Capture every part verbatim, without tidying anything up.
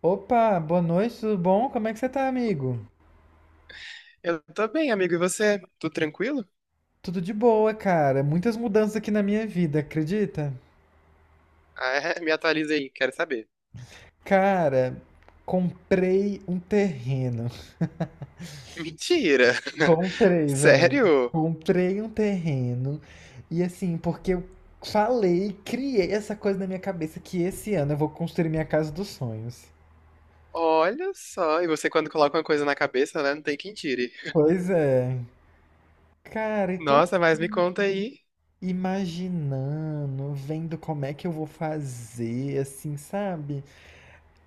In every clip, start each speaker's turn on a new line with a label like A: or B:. A: Opa, boa noite, tudo bom? Como é que você tá, amigo?
B: Eu tô bem, amigo. E você? Tudo tranquilo?
A: Tudo de boa, cara. Muitas mudanças aqui na minha vida, acredita?
B: Ah, é? Me atualiza aí, quero saber.
A: Cara, comprei um terreno.
B: Mentira!
A: Comprei, velho.
B: Sério?
A: Comprei um terreno. E assim, porque eu falei, criei essa coisa na minha cabeça que esse ano eu vou construir minha casa dos sonhos.
B: Olha só, e você quando coloca uma coisa na cabeça, né? Não tem quem tire.
A: Pois é. Cara, e tô
B: Nossa, mas me conta aí.
A: imaginando, vendo como é que eu vou fazer, assim, sabe?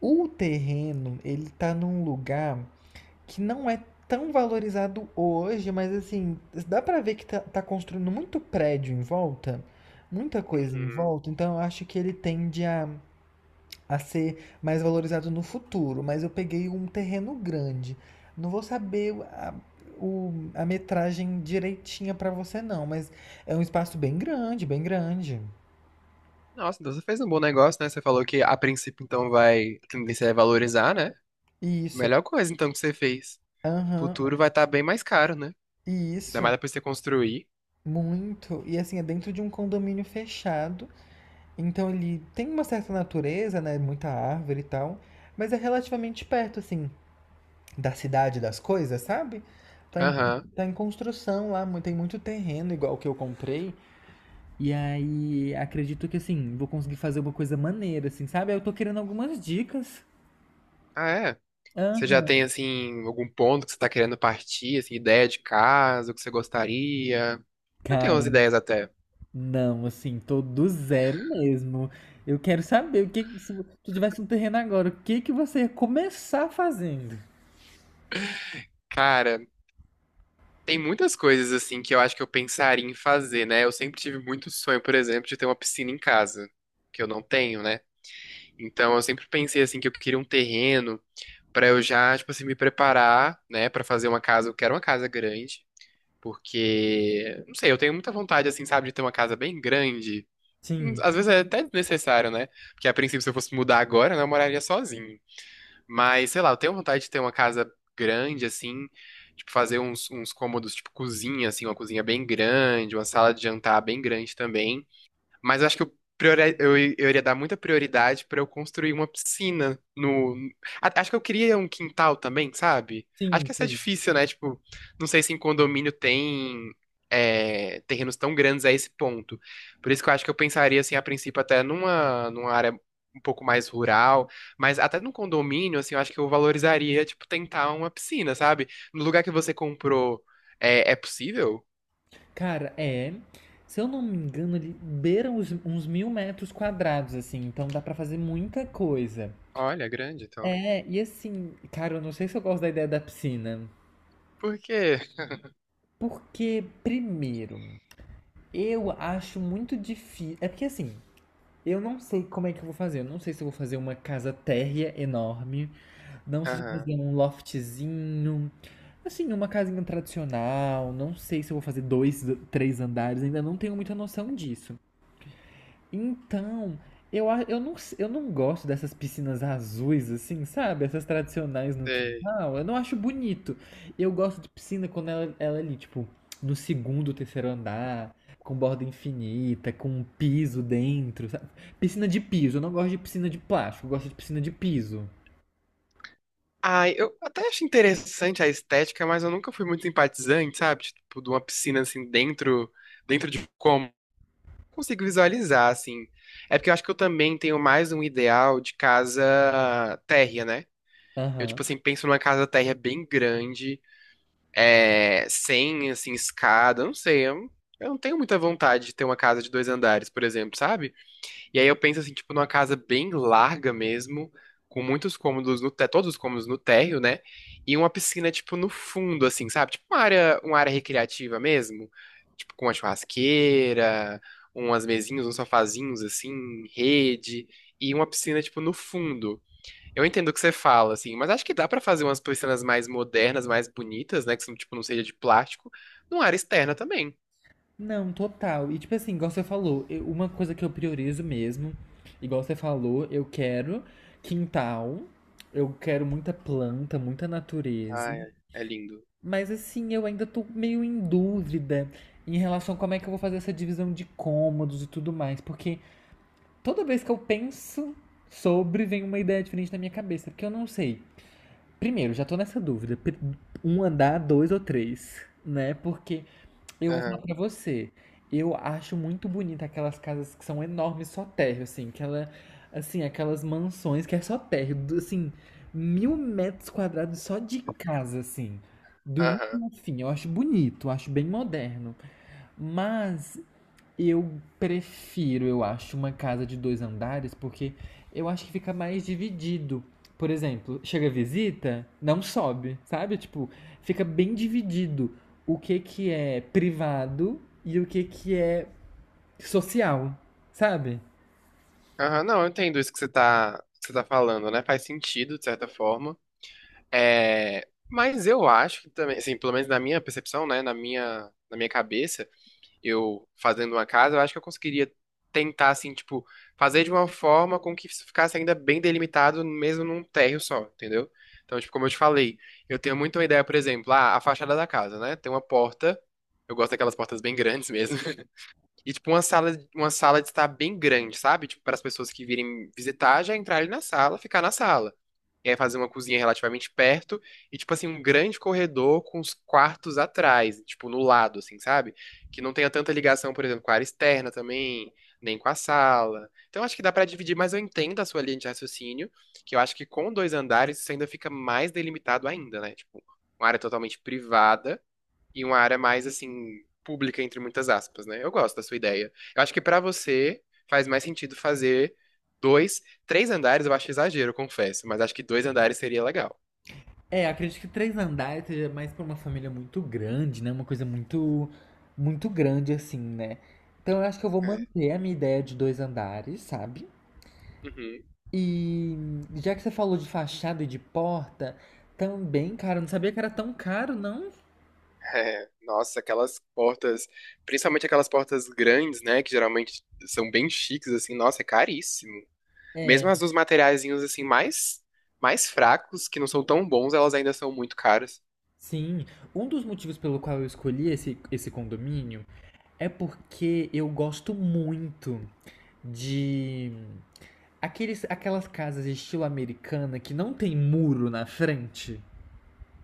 A: O terreno, ele tá num lugar que não é tão valorizado hoje, mas assim, dá pra ver que tá, tá construindo muito prédio em volta, muita coisa em
B: Uhum.
A: volta, então eu acho que ele tende a, a ser mais valorizado no futuro. Mas eu peguei um terreno grande. Não vou saber a, o, a metragem direitinha pra você, não, mas é um espaço bem grande, bem grande.
B: Nossa, então você fez um bom negócio, né? Você falou que a princípio então vai, a tendência é valorizar, né?
A: Isso.
B: Melhor coisa então que você fez.
A: Aham,
B: Futuro vai estar bem mais caro, né? Ainda
A: isso.
B: mais depois de você construir.
A: Muito. E assim, é dentro de um condomínio fechado. Então ele tem uma certa natureza, né? Muita árvore e tal. Mas é relativamente perto, assim, da cidade das coisas, sabe? Tá em,
B: Aham.
A: tá em construção lá, mu- tem muito terreno, igual que eu comprei. E aí, acredito que assim, vou conseguir fazer uma coisa maneira, assim, sabe? Eu tô querendo algumas dicas.
B: Ah, é? Você já
A: Aham.
B: tem, assim, algum ponto que você tá querendo partir, assim, ideia de casa, o que você gostaria? Eu tenho
A: Cara.
B: umas ideias até.
A: Não, assim, tô do zero mesmo. Eu quero saber o que, que- se tu tivesse um terreno agora, o que que você ia começar fazendo?
B: Cara, tem muitas coisas, assim, que eu acho que eu pensaria em fazer, né? Eu sempre tive muito sonho, por exemplo, de ter uma piscina em casa, que eu não tenho, né? Então eu sempre pensei, assim, que eu queria um terreno pra eu já, tipo assim, me preparar, né, pra fazer uma casa. Eu quero uma casa grande, porque, não sei, eu tenho muita vontade, assim, sabe, de ter uma casa bem grande.
A: Sim,
B: Às vezes é até desnecessário, né? Porque a princípio, se eu fosse mudar agora, né, eu moraria sozinho. Mas, sei lá, eu tenho vontade de ter uma casa grande, assim, tipo, fazer uns, uns cômodos, tipo, cozinha, assim, uma cozinha bem grande, uma sala de jantar bem grande também. Mas eu acho que eu, priori- eu, eu iria dar muita prioridade pra eu construir uma piscina no. A- Acho que eu queria um quintal também, sabe? Acho
A: sim,
B: que essa é
A: sei.
B: difícil, né? Tipo, não sei se em condomínio tem é, terrenos tão grandes a esse ponto. Por isso que eu acho que eu pensaria, assim, a princípio, até numa, numa área um pouco mais rural. Mas até num condomínio, assim, eu acho que eu valorizaria, tipo, tentar uma piscina, sabe? No lugar que você comprou, é, é possível?
A: Cara, é, se eu não me engano, ele beira uns, uns mil metros quadrados, assim, então dá pra fazer muita coisa.
B: Olha, grande, então.
A: É, e assim, cara, eu não sei se eu gosto da ideia da piscina,
B: Por quê?
A: porque, primeiro, eu acho muito difícil, é porque assim, eu não sei como é que eu vou fazer, eu não sei se eu vou fazer uma casa térrea enorme, não sei se eu vou
B: Aham.
A: fazer um loftzinho, assim, uma casinha tradicional. Não sei se eu vou fazer dois, três andares, ainda não tenho muita noção disso. Então, eu, a- eu, não, s- eu não gosto dessas piscinas azuis, assim, sabe? Essas tradicionais no quintal. Eu não acho bonito. Eu gosto de piscina quando ela, ela é ali, tipo, no segundo, terceiro andar, com borda infinita, com um piso dentro, sabe? Piscina de piso. Eu não gosto de piscina de plástico, eu gosto de piscina de piso.
B: Ai, eu até acho interessante a estética, mas eu nunca fui muito simpatizante, sabe? Tipo, de uma piscina assim dentro, dentro de como eu consigo visualizar assim. É porque eu acho que eu também tenho mais um ideal de casa térrea, né? Eu tipo
A: Aham.
B: assim penso numa casa térrea bem grande, é, sem assim escada, eu não sei, eu, eu não tenho muita vontade de ter uma casa de dois andares, por exemplo, sabe? E aí eu penso assim, tipo, numa casa bem larga mesmo, com muitos cômodos no térreo, todos os cômodos no térreo, né? E uma piscina, tipo, no fundo, assim, sabe? Tipo uma área, uma área recreativa mesmo, tipo, com uma churrasqueira, umas mesinhas, uns sofazinhos, assim, rede, e uma piscina, tipo, no fundo. Eu entendo o que você fala, assim, mas acho que dá pra fazer umas piscinas mais modernas, mais bonitas, né? Que são, tipo, não seja de plástico, numa área externa também.
A: Não, total. E tipo assim, igual você falou, eu- uma coisa que eu priorizo mesmo, igual você falou, eu quero quintal, eu quero muita planta, muita natureza.
B: Ai, é é lindo.
A: Mas assim, eu ainda tô meio em dúvida em relação a como é que eu vou fazer essa divisão de cômodos e tudo mais, porque toda vez que eu penso sobre, vem uma ideia diferente na minha cabeça, porque eu não sei. Primeiro, já tô nessa dúvida, pri- um andar, dois ou três, né? Porque eu vou falar
B: Aham,
A: pra você. Eu acho muito bonita aquelas casas que são enormes, só térreo, assim, aquela, assim, aquelas mansões que é só térreo, do- assim, mil metros quadrados só de casa, assim, do
B: aham.
A: início ao fim. Eu acho bonito, eu acho bem moderno. Mas eu prefiro, eu acho, uma casa de dois andares, porque eu acho que fica mais dividido. Por exemplo, chega visita, não sobe, sabe? Tipo, fica bem dividido o que que é privado e o que que é social, sabe?
B: Aham, não, eu entendo isso que você tá, que você tá falando, né? Faz sentido, de certa forma. É, mas eu acho que também, assim, pelo menos na minha percepção, né? Na minha, na minha cabeça, eu fazendo uma casa, eu acho que eu conseguiria tentar, assim, tipo, fazer de uma forma com que isso ficasse ainda bem delimitado, mesmo num térreo só, entendeu? Então, tipo, como eu te falei, eu tenho muito uma ideia, por exemplo, ah, a fachada da casa, né? Tem uma porta, eu gosto daquelas portas bem grandes mesmo. E, tipo, uma sala, uma sala de estar bem grande, sabe? Tipo, para as pessoas que virem visitar, já entrar ali na sala, ficar na sala. E aí fazer uma cozinha relativamente perto e, tipo assim, um grande corredor com os quartos atrás, tipo, no lado, assim, sabe? Que não tenha tanta ligação, por exemplo, com a área externa também, nem com a sala. Então, acho que dá para dividir, mas eu entendo a sua linha de raciocínio, que eu acho que com dois andares isso ainda fica mais delimitado ainda, né? Tipo, uma área totalmente privada e uma área mais assim pública entre muitas aspas, né? Eu gosto da sua ideia. Eu acho que pra você faz mais sentido fazer dois, três andares, eu acho exagero, eu confesso, mas acho que dois andares seria legal.
A: É, acredito que três andares seja mais pra uma família muito grande, né? Uma coisa muito, muito grande assim, né? Então eu acho que eu vou
B: É.
A: manter a minha ideia de dois andares, sabe?
B: Uhum.
A: E já que você falou de fachada e de porta, também, cara, eu não sabia que era tão caro, não.
B: É. Nossa, aquelas portas, principalmente aquelas portas grandes, né, que geralmente são bem chiques assim, nossa, é caríssimo. Mesmo
A: É,
B: as dos materiaizinhos assim mais mais fracos, que não são tão bons, elas ainda são muito caras.
A: sim. Um dos motivos pelo qual eu escolhi esse, esse condomínio é porque eu gosto muito de aqueles, aquelas casas estilo americana que não tem muro na frente.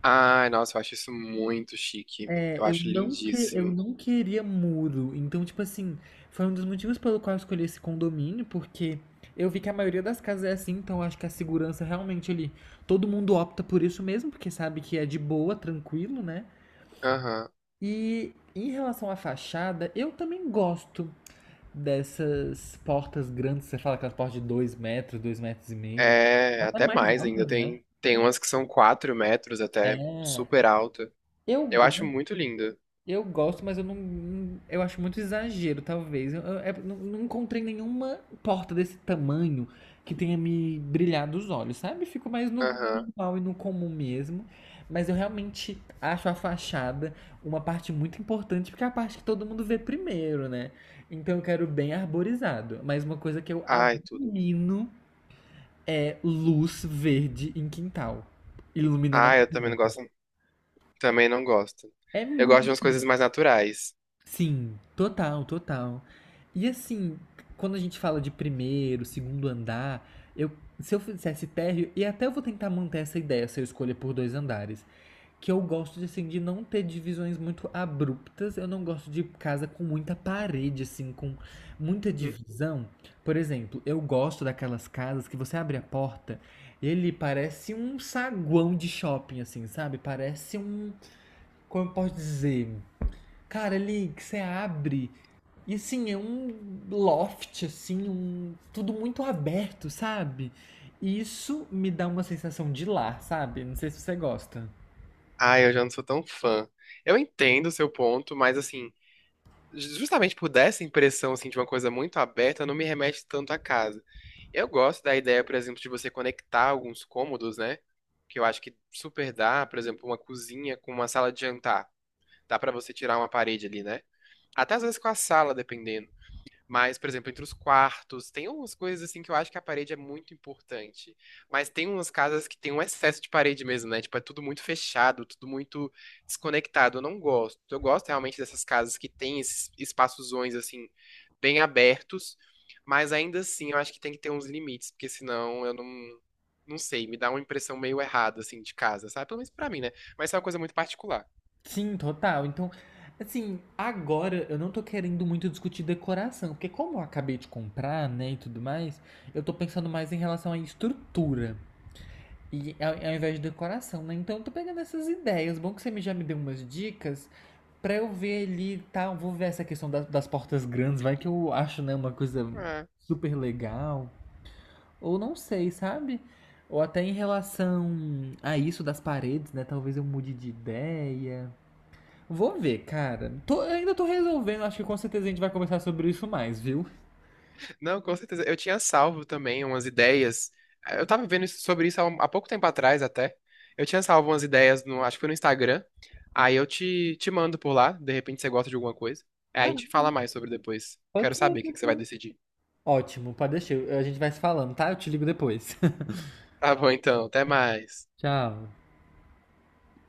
B: Ai, nossa, eu acho isso muito chique.
A: É,
B: Eu
A: eu
B: acho
A: não que, eu
B: lindíssimo.
A: não queria muro. Então, tipo assim, foi um dos motivos pelo qual eu escolhi esse condomínio, porque eu vi que a maioria das casas é assim, então eu acho que a segurança realmente ali, todo mundo opta por isso mesmo, porque sabe que é de boa, tranquilo, né?
B: Aham.
A: E em relação à fachada, eu também gosto dessas portas grandes, você fala aquelas portas de dois metros, dois metros e meio,
B: É,
A: até
B: até
A: mais
B: mais ainda.
A: altas, né?
B: Tem, tem umas que são quatro metros até,
A: É.
B: super alta.
A: Eu
B: Eu acho
A: gosto.
B: muito linda.
A: Eu gosto, mas eu não. Eu acho muito exagero, talvez. Eu, eu- é- não, não encontrei nenhuma porta desse tamanho que tenha me brilhado os olhos, sabe? Fico mais no
B: Aham.
A: normal e no comum mesmo. Mas eu realmente acho a fachada uma parte muito importante, porque é a parte que todo mundo vê primeiro, né? Então eu quero bem arborizado. Mas uma coisa que eu
B: Ai, tudo.
A: abomino é luz verde em quintal, iluminando a.
B: Ai, eu também não gosto. Também não gosto.
A: É
B: Eu gosto de umas coisas
A: muito.
B: mais naturais.
A: Sim, total, total. E assim, quando a gente fala de primeiro, segundo andar, eu, se eu fizesse térreo, e até eu vou tentar manter essa ideia se eu escolher por dois andares, que eu gosto de, assim, de não ter divisões muito abruptas, eu não gosto de casa com muita parede, assim, com muita
B: Uhum.
A: divisão. Por exemplo, eu gosto daquelas casas que você abre a porta, ele parece um saguão de shopping, assim, sabe? Parece um, como eu posso dizer? Cara, ali que você abre e assim, é um loft, assim, um. Tudo muito aberto, sabe? E isso me dá uma sensação de lar, sabe? Não sei se você gosta.
B: Ai, eu já não sou tão fã. Eu entendo o seu ponto, mas assim, ju- justamente por dar essa impressão assim, de uma coisa muito aberta, não me remete tanto à casa. Eu gosto da ideia, por exemplo, de você conectar alguns cômodos, né? Que eu acho que super dá, por exemplo, uma cozinha com uma sala de jantar. Dá pra você tirar uma parede ali, né? Até às vezes com a sala, dependendo. Mas, por exemplo, entre os quartos, tem umas coisas assim que eu acho que a parede é muito importante. Mas tem umas casas que tem um excesso de parede mesmo, né? Tipo, é tudo muito fechado, tudo muito desconectado. Eu não gosto. Eu gosto realmente dessas casas que tem esses espaçozões assim bem abertos, mas ainda assim eu acho que tem que ter uns limites, porque senão eu não não sei, me dá uma impressão meio errada assim de casa, sabe? Pelo menos pra mim, né? Mas isso é uma coisa muito particular.
A: Sim, total. Então, assim, agora eu não tô querendo muito discutir decoração, porque como eu acabei de comprar, né, e tudo mais, eu tô pensando mais em relação à estrutura. E ao, ao invés de decoração, né? Então eu tô pegando essas ideias. Bom que você me- já me deu umas dicas. Pra eu ver ali, tá, eu vou ver essa questão da- das portas grandes, vai que eu acho, né, uma coisa super legal, ou não sei, sabe? Ou até em relação a isso das paredes, né, talvez eu mude de ideia. Vou ver, cara. Tô- ainda tô resolvendo, acho que com certeza a gente vai conversar sobre isso mais, viu?
B: Não, com certeza. Eu tinha salvo também umas ideias. Eu tava vendo isso- sobre isso há, um- há pouco tempo atrás até. Eu tinha salvo umas ideias no, acho que foi no Instagram. Aí eu te, te mando por lá, de repente você gosta de alguma coisa. Aí a
A: Ah,
B: gente fala mais sobre depois.
A: Pode
B: Quero
A: ser.
B: saber o que que
A: Pode
B: você vai
A: ser.
B: decidir.
A: Ótimo, pode deixar, a gente vai se falando, tá? Eu te ligo depois.
B: Tá bom, então. Até mais.
A: Tchau.